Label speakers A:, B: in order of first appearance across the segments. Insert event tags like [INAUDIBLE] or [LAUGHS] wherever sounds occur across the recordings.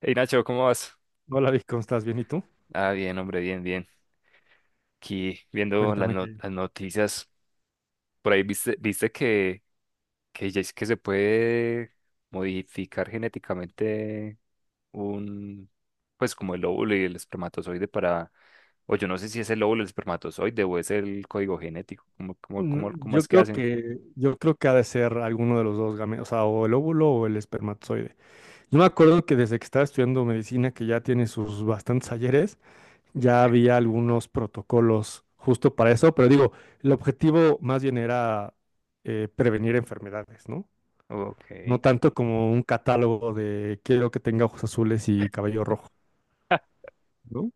A: Hey Nacho, ¿cómo vas?
B: Hola Vic, ¿cómo estás? ¿Bien y tú?
A: Ah, bien, hombre, bien, bien. Aquí viendo las,
B: Cuéntame
A: no-
B: que...
A: las noticias, por ahí viste que, ya es que se puede modificar genéticamente un, pues como el óvulo y el espermatozoide para, o yo no sé si es el óvulo, el espermatozoide o es el código genético. ¿cómo, cómo, cómo,
B: Mm,
A: cómo
B: Yo
A: es que
B: creo
A: hacen?
B: que, yo creo que ha de ser alguno de los dos gametos, o sea, o el óvulo o el espermatozoide. Yo me acuerdo que desde que estaba estudiando medicina, que ya tiene sus bastantes ayeres, ya había algunos protocolos justo para eso, pero digo, el objetivo más bien era prevenir enfermedades, ¿no?
A: Ok.
B: No
A: [LAUGHS]
B: tanto como un catálogo de quiero que tenga ojos azules y cabello rojo, ¿no?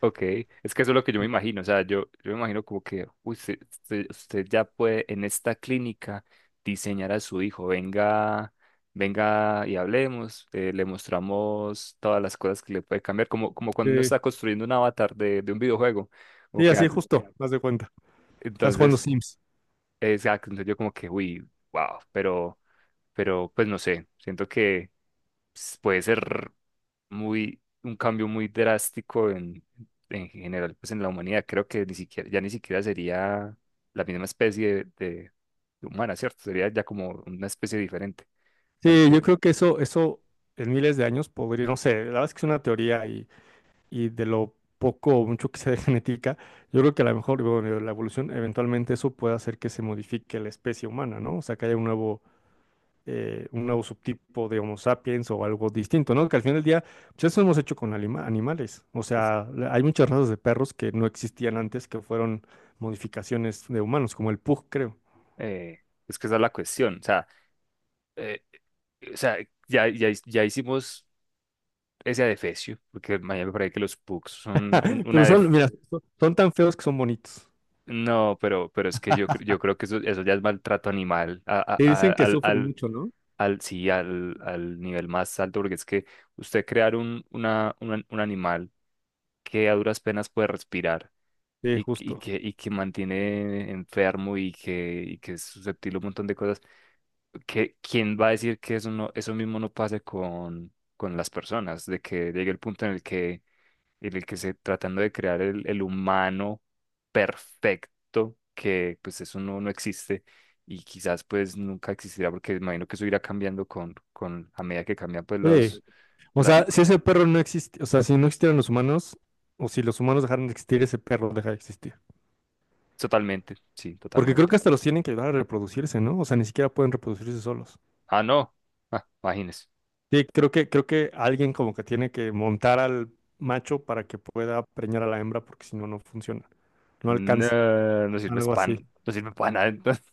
A: Ok, es que eso es lo que yo me imagino. O sea, yo me imagino como que uy, usted ya puede en esta clínica diseñar a su hijo, venga, venga y hablemos, le mostramos todas las cosas que le puede cambiar, como cuando uno
B: Sí,
A: está construyendo un avatar de un videojuego, como
B: sí,
A: que
B: así justo, más de cuenta. Estás jugando
A: entonces,
B: Sims.
A: exacto, entonces yo como que, uy, wow, pero pues no sé, siento que pues, puede ser, un cambio muy drástico en general, pues en la humanidad. Creo que ni siquiera, ya ni siquiera sería la misma especie de humana, ¿cierto? Sería ya como una especie diferente al
B: Sí,
A: que
B: yo creo que eso en miles de años podría, no sé, la verdad es que es una teoría y de lo poco o mucho que [LAUGHS] sea de genética, yo creo que a lo mejor, bueno, la evolución, eventualmente eso puede hacer que se modifique la especie humana, ¿no? O sea, que haya un nuevo subtipo de Homo sapiens o algo distinto, ¿no? Que al final del día, pues eso hemos hecho con animales. O
A: es,
B: sea, hay muchas razas de perros que no existían antes, que fueron modificaciones de humanos, como el pug, creo.
A: eh, es que esa es la cuestión. O sea, eh, o sea, ya hicimos ese adefesio, porque mañana me parece que los pugs son un-
B: [LAUGHS]
A: una
B: Pero
A: def-
B: mira, son tan feos que son bonitos.
A: No, pero es que yo creo que eso ya es maltrato animal
B: Y dicen que sufren mucho, ¿no?
A: sí, al nivel más alto, porque es que usted crear un animal que a duras penas puede respirar
B: Sí,
A: y, que- y,
B: justo.
A: que, y que mantiene enfermo y que es susceptible a un montón de cosas. Que, ¿quién va a decir que eso, no, eso mismo no pase con las personas? De que llegue el punto en el que se tratando de crear el humano perfecto, que pues eso no existe y quizás pues nunca existirá porque me imagino que eso irá cambiando con, a medida que cambian pues los,
B: Sí. O
A: la-
B: sea, si ese perro no existe, o sea, si no existieran los humanos, o si los humanos dejaran de existir, ese perro deja de existir.
A: Totalmente, sí,
B: Porque creo
A: totalmente.
B: que hasta los tienen que ayudar a reproducirse, ¿no? O sea, ni siquiera pueden reproducirse solos.
A: Ah, no, ah, imagínese.
B: Sí, creo que alguien como que tiene que montar al macho para que pueda preñar a la hembra, porque si no, no funciona. No alcanza.
A: No, no sirve
B: Algo así.
A: pan, no sirve para nada entonces.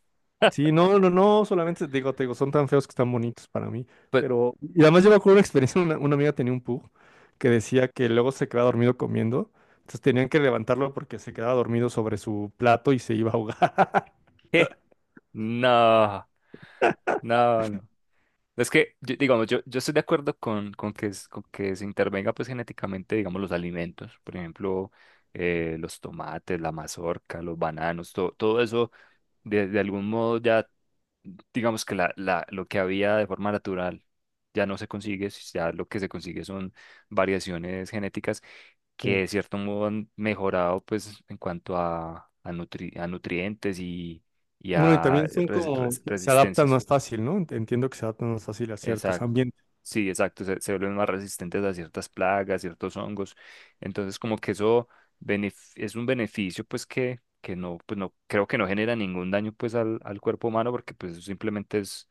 B: Sí,
A: [LAUGHS]
B: no, no, no, solamente te digo, son tan feos que están bonitos para mí.
A: Pues,
B: Pero, y además yo me acuerdo una experiencia, una amiga tenía un pug que decía que luego se quedaba dormido comiendo, entonces tenían que levantarlo porque se quedaba dormido sobre su plato y se iba a ahogar. [LAUGHS]
A: ¿qué? No, no, no. Es que, digamos, yo estoy de acuerdo con que se intervenga pues genéticamente, digamos, los alimentos, por ejemplo, los tomates, la mazorca, los bananos, todo eso, de algún modo ya, digamos que lo que había de forma natural ya no se consigue, si ya lo que se consigue son variaciones genéticas que
B: Sí.
A: de cierto modo han mejorado pues en cuanto a nutrientes y
B: Bueno, y
A: a
B: también son como, se adaptan
A: resistencias.
B: más fácil, ¿no? Entiendo que se adaptan más fácil a ciertos
A: Exacto.
B: ambientes.
A: Sí, exacto. Se vuelven más resistentes a ciertas plagas, ciertos hongos. Entonces, como que eso es un beneficio, pues que no, pues no, creo que no genera ningún daño pues al, al cuerpo humano, porque pues eso simplemente es,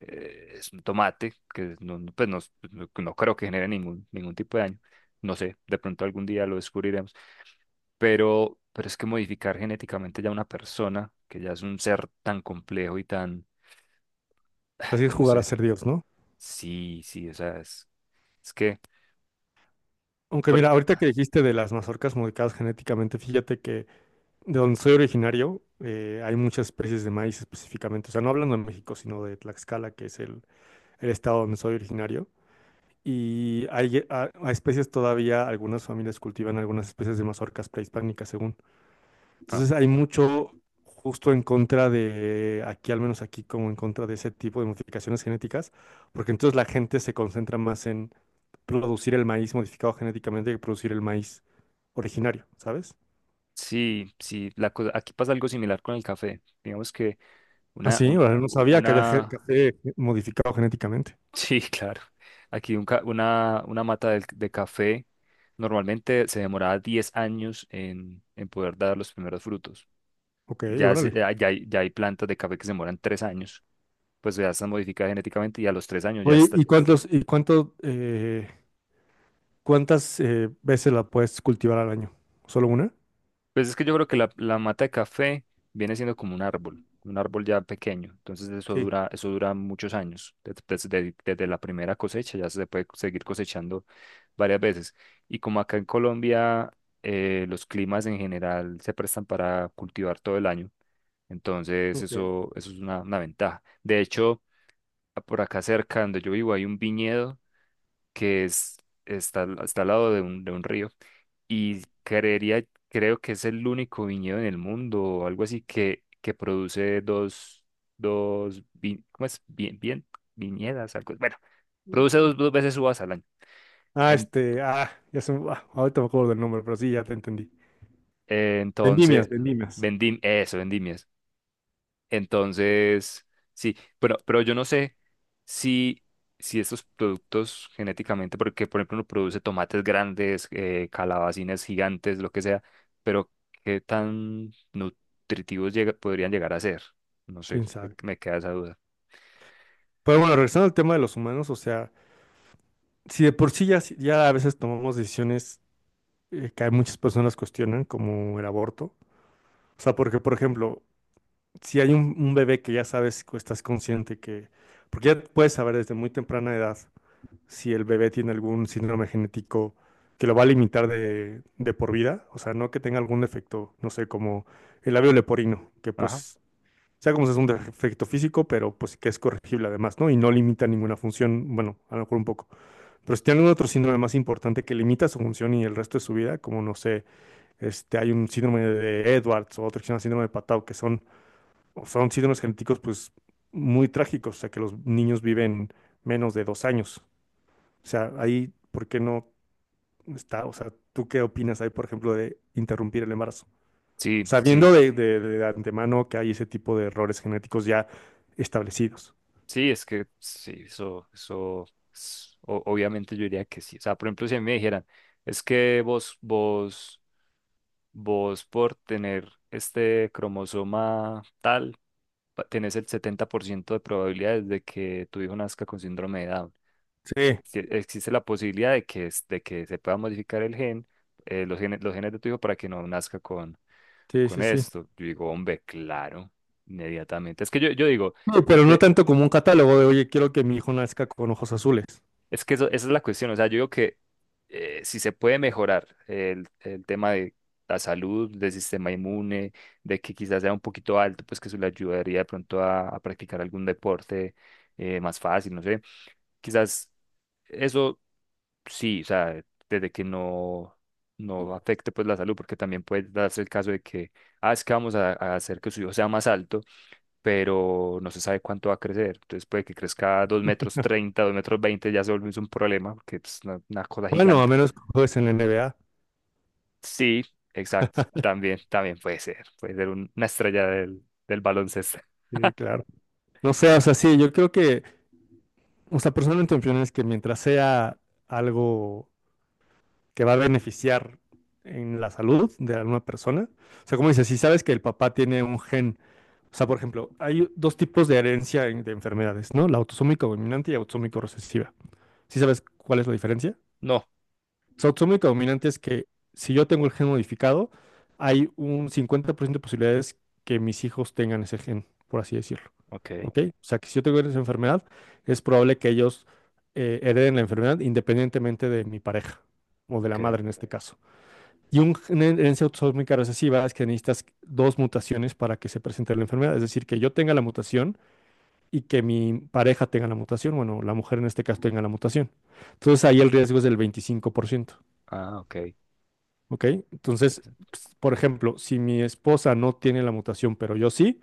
A: eh, es un tomate, que no, pues no creo que genere ningún tipo de daño. No sé, de pronto algún día lo descubriremos. Pero es que modificar genéticamente ya una persona, que ya es un ser tan complejo y tan,
B: Así es
A: no
B: jugar a
A: sé.
B: ser Dios, ¿no?
A: Sí, sí, o sea, es que
B: Aunque
A: por-
B: mira, ahorita que dijiste de las mazorcas modificadas genéticamente, fíjate que de donde soy originario, hay muchas especies de maíz específicamente. O sea, no hablando de México, sino de Tlaxcala, que es el estado donde soy originario. Y hay, a especies todavía, algunas familias cultivan algunas especies de mazorcas prehispánicas, según.
A: ah,
B: Entonces, hay mucho justo en contra de, aquí, al menos aquí, como en contra de ese tipo de modificaciones genéticas, porque entonces la gente se concentra más en producir el maíz modificado genéticamente que producir el maíz originario, ¿sabes?
A: sí, sí, la cosa, aquí pasa algo similar con el café. Digamos que
B: Ah,
A: una,
B: sí,
A: un-
B: órale, no sabía que había
A: una,
B: café modificado genéticamente.
A: [LAUGHS] Sí, claro, aquí una mata de café normalmente se demoraba 10 años en poder dar los primeros frutos.
B: Ok,
A: Ya, se-
B: órale.
A: ya, ya hay, ya hay plantas de café que se demoran 3 años, pues ya están modificadas genéticamente y a los 3 años ya
B: Oye,
A: está.
B: cuántas veces la puedes cultivar al año? ¿Solo una?
A: Pues es que yo creo que la mata de café viene siendo como un árbol ya pequeño. Entonces eso
B: Sí.
A: dura, eso dura muchos años. Desde la primera cosecha ya se puede seguir cosechando varias veces. Y como acá en Colombia los climas en general se prestan para cultivar todo el año, entonces
B: Ok.
A: eso es una ventaja. De hecho, por acá cerca donde yo vivo hay un viñedo que está, está al lado de un río y creería, creo que es el único viñedo en el mundo o algo así que produce dos, ¿cómo es? Bien, bien, viñedas, algo. Bueno, produce dos veces uvas al año.
B: Ah,
A: En-
B: este, ah, ya se me, ah, ahorita me acuerdo del nombre, pero sí, ya te entendí.
A: entonces,
B: Vendimias, vendimias.
A: eso, vendimias. Entonces, sí, pero yo no sé si, si estos productos genéticamente, porque por ejemplo uno produce tomates grandes, calabacines gigantes, lo que sea, pero qué tan nutritivos podrían llegar a ser. No sé,
B: Quién
A: me,
B: sabe.
A: me queda esa duda.
B: Pero bueno, regresando al tema de los humanos, o sea, si de por sí ya a veces tomamos decisiones que hay muchas personas cuestionan, como el aborto. O sea, porque, por ejemplo, si hay un bebé que ya sabes, que estás consciente que, porque ya puedes saber desde muy temprana edad si el bebé tiene algún síndrome genético que lo va a limitar de por vida, o sea, no que tenga algún defecto, no sé, como el labio leporino, que
A: Ajá.
B: pues, sea como sea, es un defecto físico, pero pues que es corregible además, ¿no? Y no limita ninguna función, bueno, a lo mejor un poco. Pero si tiene algún otro síndrome más importante que limita su función y el resto de su vida, como no sé, este, hay un síndrome de Edwards o otro que se llama síndrome de Patau, que son síndromes genéticos pues muy trágicos, o sea, que los niños viven menos de 2 años. O sea, ahí, ¿por qué no está? O sea, ¿tú qué opinas ahí, por ejemplo, de interrumpir el embarazo?
A: Sí, sí,
B: Sabiendo de antemano que hay ese tipo de errores genéticos ya establecidos.
A: sí, es que sí, eso, obviamente yo diría que sí. O sea, por ejemplo, si a mí me dijeran, es que vos por tener este cromosoma tal, tenés el 70% de probabilidades de que tu hijo nazca con síndrome de Down.
B: Sí,
A: Existe la posibilidad de que, de que se pueda modificar el gen, los genes de tu hijo para que no nazca
B: sí,
A: con
B: sí, sí.
A: esto. Yo digo, hombre, claro, inmediatamente. Es que yo digo,
B: No, pero no tanto como un catálogo de, oye, quiero que mi hijo nazca con ojos azules.
A: es que eso, esa es la cuestión. O sea, yo digo que si se puede mejorar el tema de la salud, del sistema inmune, de que quizás sea un poquito alto, pues que eso le ayudaría de pronto a practicar algún deporte más fácil, no sé. Quizás eso sí. O sea, desde que no afecte pues la salud, porque también puede darse el caso de que, ah, es que vamos a hacer que su hijo sea más alto pero no se sabe cuánto va a crecer. Entonces puede que crezca 2,30 m, 2,20 m ya se vuelve un problema, porque es una cosa
B: Bueno, a
A: gigante.
B: menos que juegues en la NBA.
A: Sí, exacto. También, también puede ser. Puede ser una estrella del baloncesto. [LAUGHS]
B: Sí, claro. No sé, o sea, sí, yo creo que, o sea, personalmente mi opinión es que mientras sea algo que va a beneficiar en la salud de alguna persona. O sea, como dices, si sabes que el papá tiene un gen, o sea, por ejemplo, hay dos tipos de herencia de enfermedades, ¿no? La autosómica dominante y autosómica recesiva. ¿Sí sabes cuál es la diferencia?
A: No.
B: La autosómica dominante es que si yo tengo el gen modificado, hay un 50% de posibilidades que mis hijos tengan ese gen, por así decirlo.
A: Ok,
B: ¿Ok? O sea, que si yo tengo esa enfermedad, es probable que ellos hereden la enfermedad independientemente de mi pareja o de
A: ok.
B: la madre en este caso. Y una herencia autosómica recesiva es que necesitas dos mutaciones para que se presente la enfermedad. Es decir, que yo tenga la mutación y que mi pareja tenga la mutación. Bueno, la mujer en este caso tenga la mutación. Entonces ahí el riesgo es del 25%.
A: Ah, ok.
B: ¿Ok? Entonces,
A: Interesante.
B: por ejemplo, si mi esposa no tiene la mutación, pero yo sí,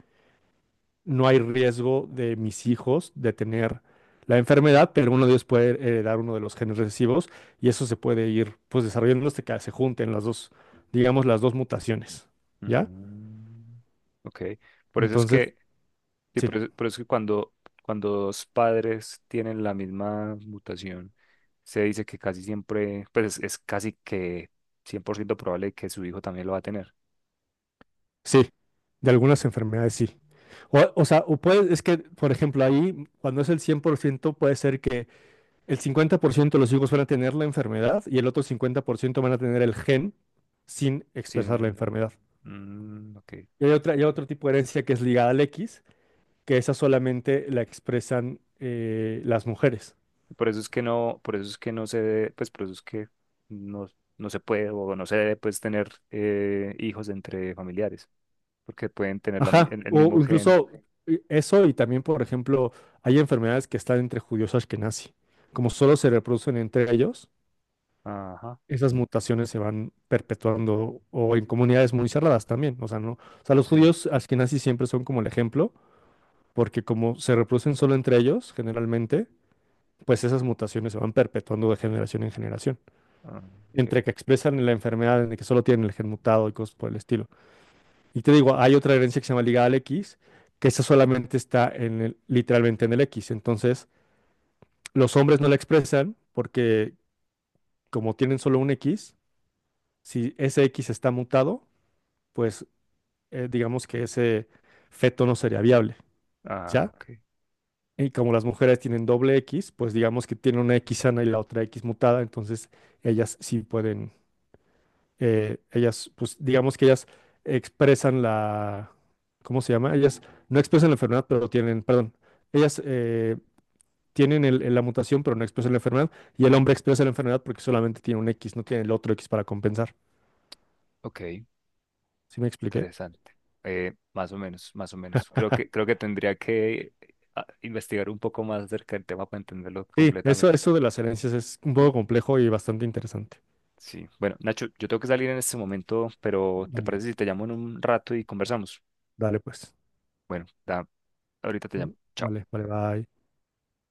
B: no hay riesgo de mis hijos de tener la enfermedad, pero uno de ellos puede heredar uno de los genes recesivos y eso se puede ir pues desarrollando hasta que se junten las dos, digamos, las dos mutaciones. ¿Ya?
A: Mm, ok. Por eso es
B: Entonces,
A: que. Sí,
B: sí,
A: por eso que cuando dos padres tienen la misma mutación, se dice que casi siempre, pues es casi que 100% probable que su hijo también lo va a tener.
B: sí, de algunas enfermedades sí. O sea, o puede, es que, por ejemplo, ahí, cuando es el 100% puede ser que el 50% de los hijos van a tener la enfermedad y el otro 50% van a tener el gen sin expresar la
A: Sin,
B: enfermedad.
A: mm, mm, ok.
B: Y hay hay otro tipo de herencia que es ligada al X, que esa solamente la expresan las mujeres.
A: Por eso es que no, por eso es que no se debe, pues por eso es que no, no se puede o no se debe pues tener hijos entre familiares, porque pueden tener la mi-
B: Ajá,
A: el, el
B: o
A: mismo gen.
B: incluso eso y también, por ejemplo, hay enfermedades que están entre judíos ashkenazi, como solo se reproducen entre ellos
A: Ajá,
B: esas mutaciones se van perpetuando o en comunidades muy cerradas también. O sea, no, o sea, los
A: sí.
B: judíos askenazis siempre son como el ejemplo, porque como se reproducen solo entre ellos, generalmente, pues esas mutaciones se van perpetuando de generación en generación.
A: Ah, ok.
B: Entre que expresan la enfermedad, entre que solo tienen el gen mutado y cosas por el estilo. Y te digo, hay otra herencia que se llama Liga al X, que esa solamente está literalmente en el X. Entonces, los hombres no la expresan porque como tienen solo un X, si ese X está mutado, pues digamos que ese feto no sería viable,
A: Ah,
B: ¿ya?
A: ok.
B: Y como las mujeres tienen doble X, pues digamos que tienen una X sana y la otra X mutada, entonces ellas sí pueden, ellas, pues digamos que ellas expresan la, ¿cómo se llama? Ellas no expresan la enfermedad, pero tienen, perdón, ellas tienen la mutación, pero no expresan la enfermedad, y el hombre expresa la enfermedad porque solamente tiene un X, no tiene el otro X para compensar.
A: Ok.
B: ¿Sí me expliqué?
A: Interesante. Más o menos, más o menos. Creo que,
B: [LAUGHS]
A: creo que tendría que investigar un poco más acerca del tema para entenderlo
B: Sí, eso,
A: completamente.
B: eso de las herencias es un poco complejo y bastante interesante.
A: Sí. Bueno, Nacho, yo tengo que salir en este momento, pero ¿te
B: Vale.
A: parece si te llamo en un rato y conversamos?
B: Dale pues.
A: Bueno, ahorita te
B: Mm,
A: llamo. Chao.
B: Vale, vale, bye.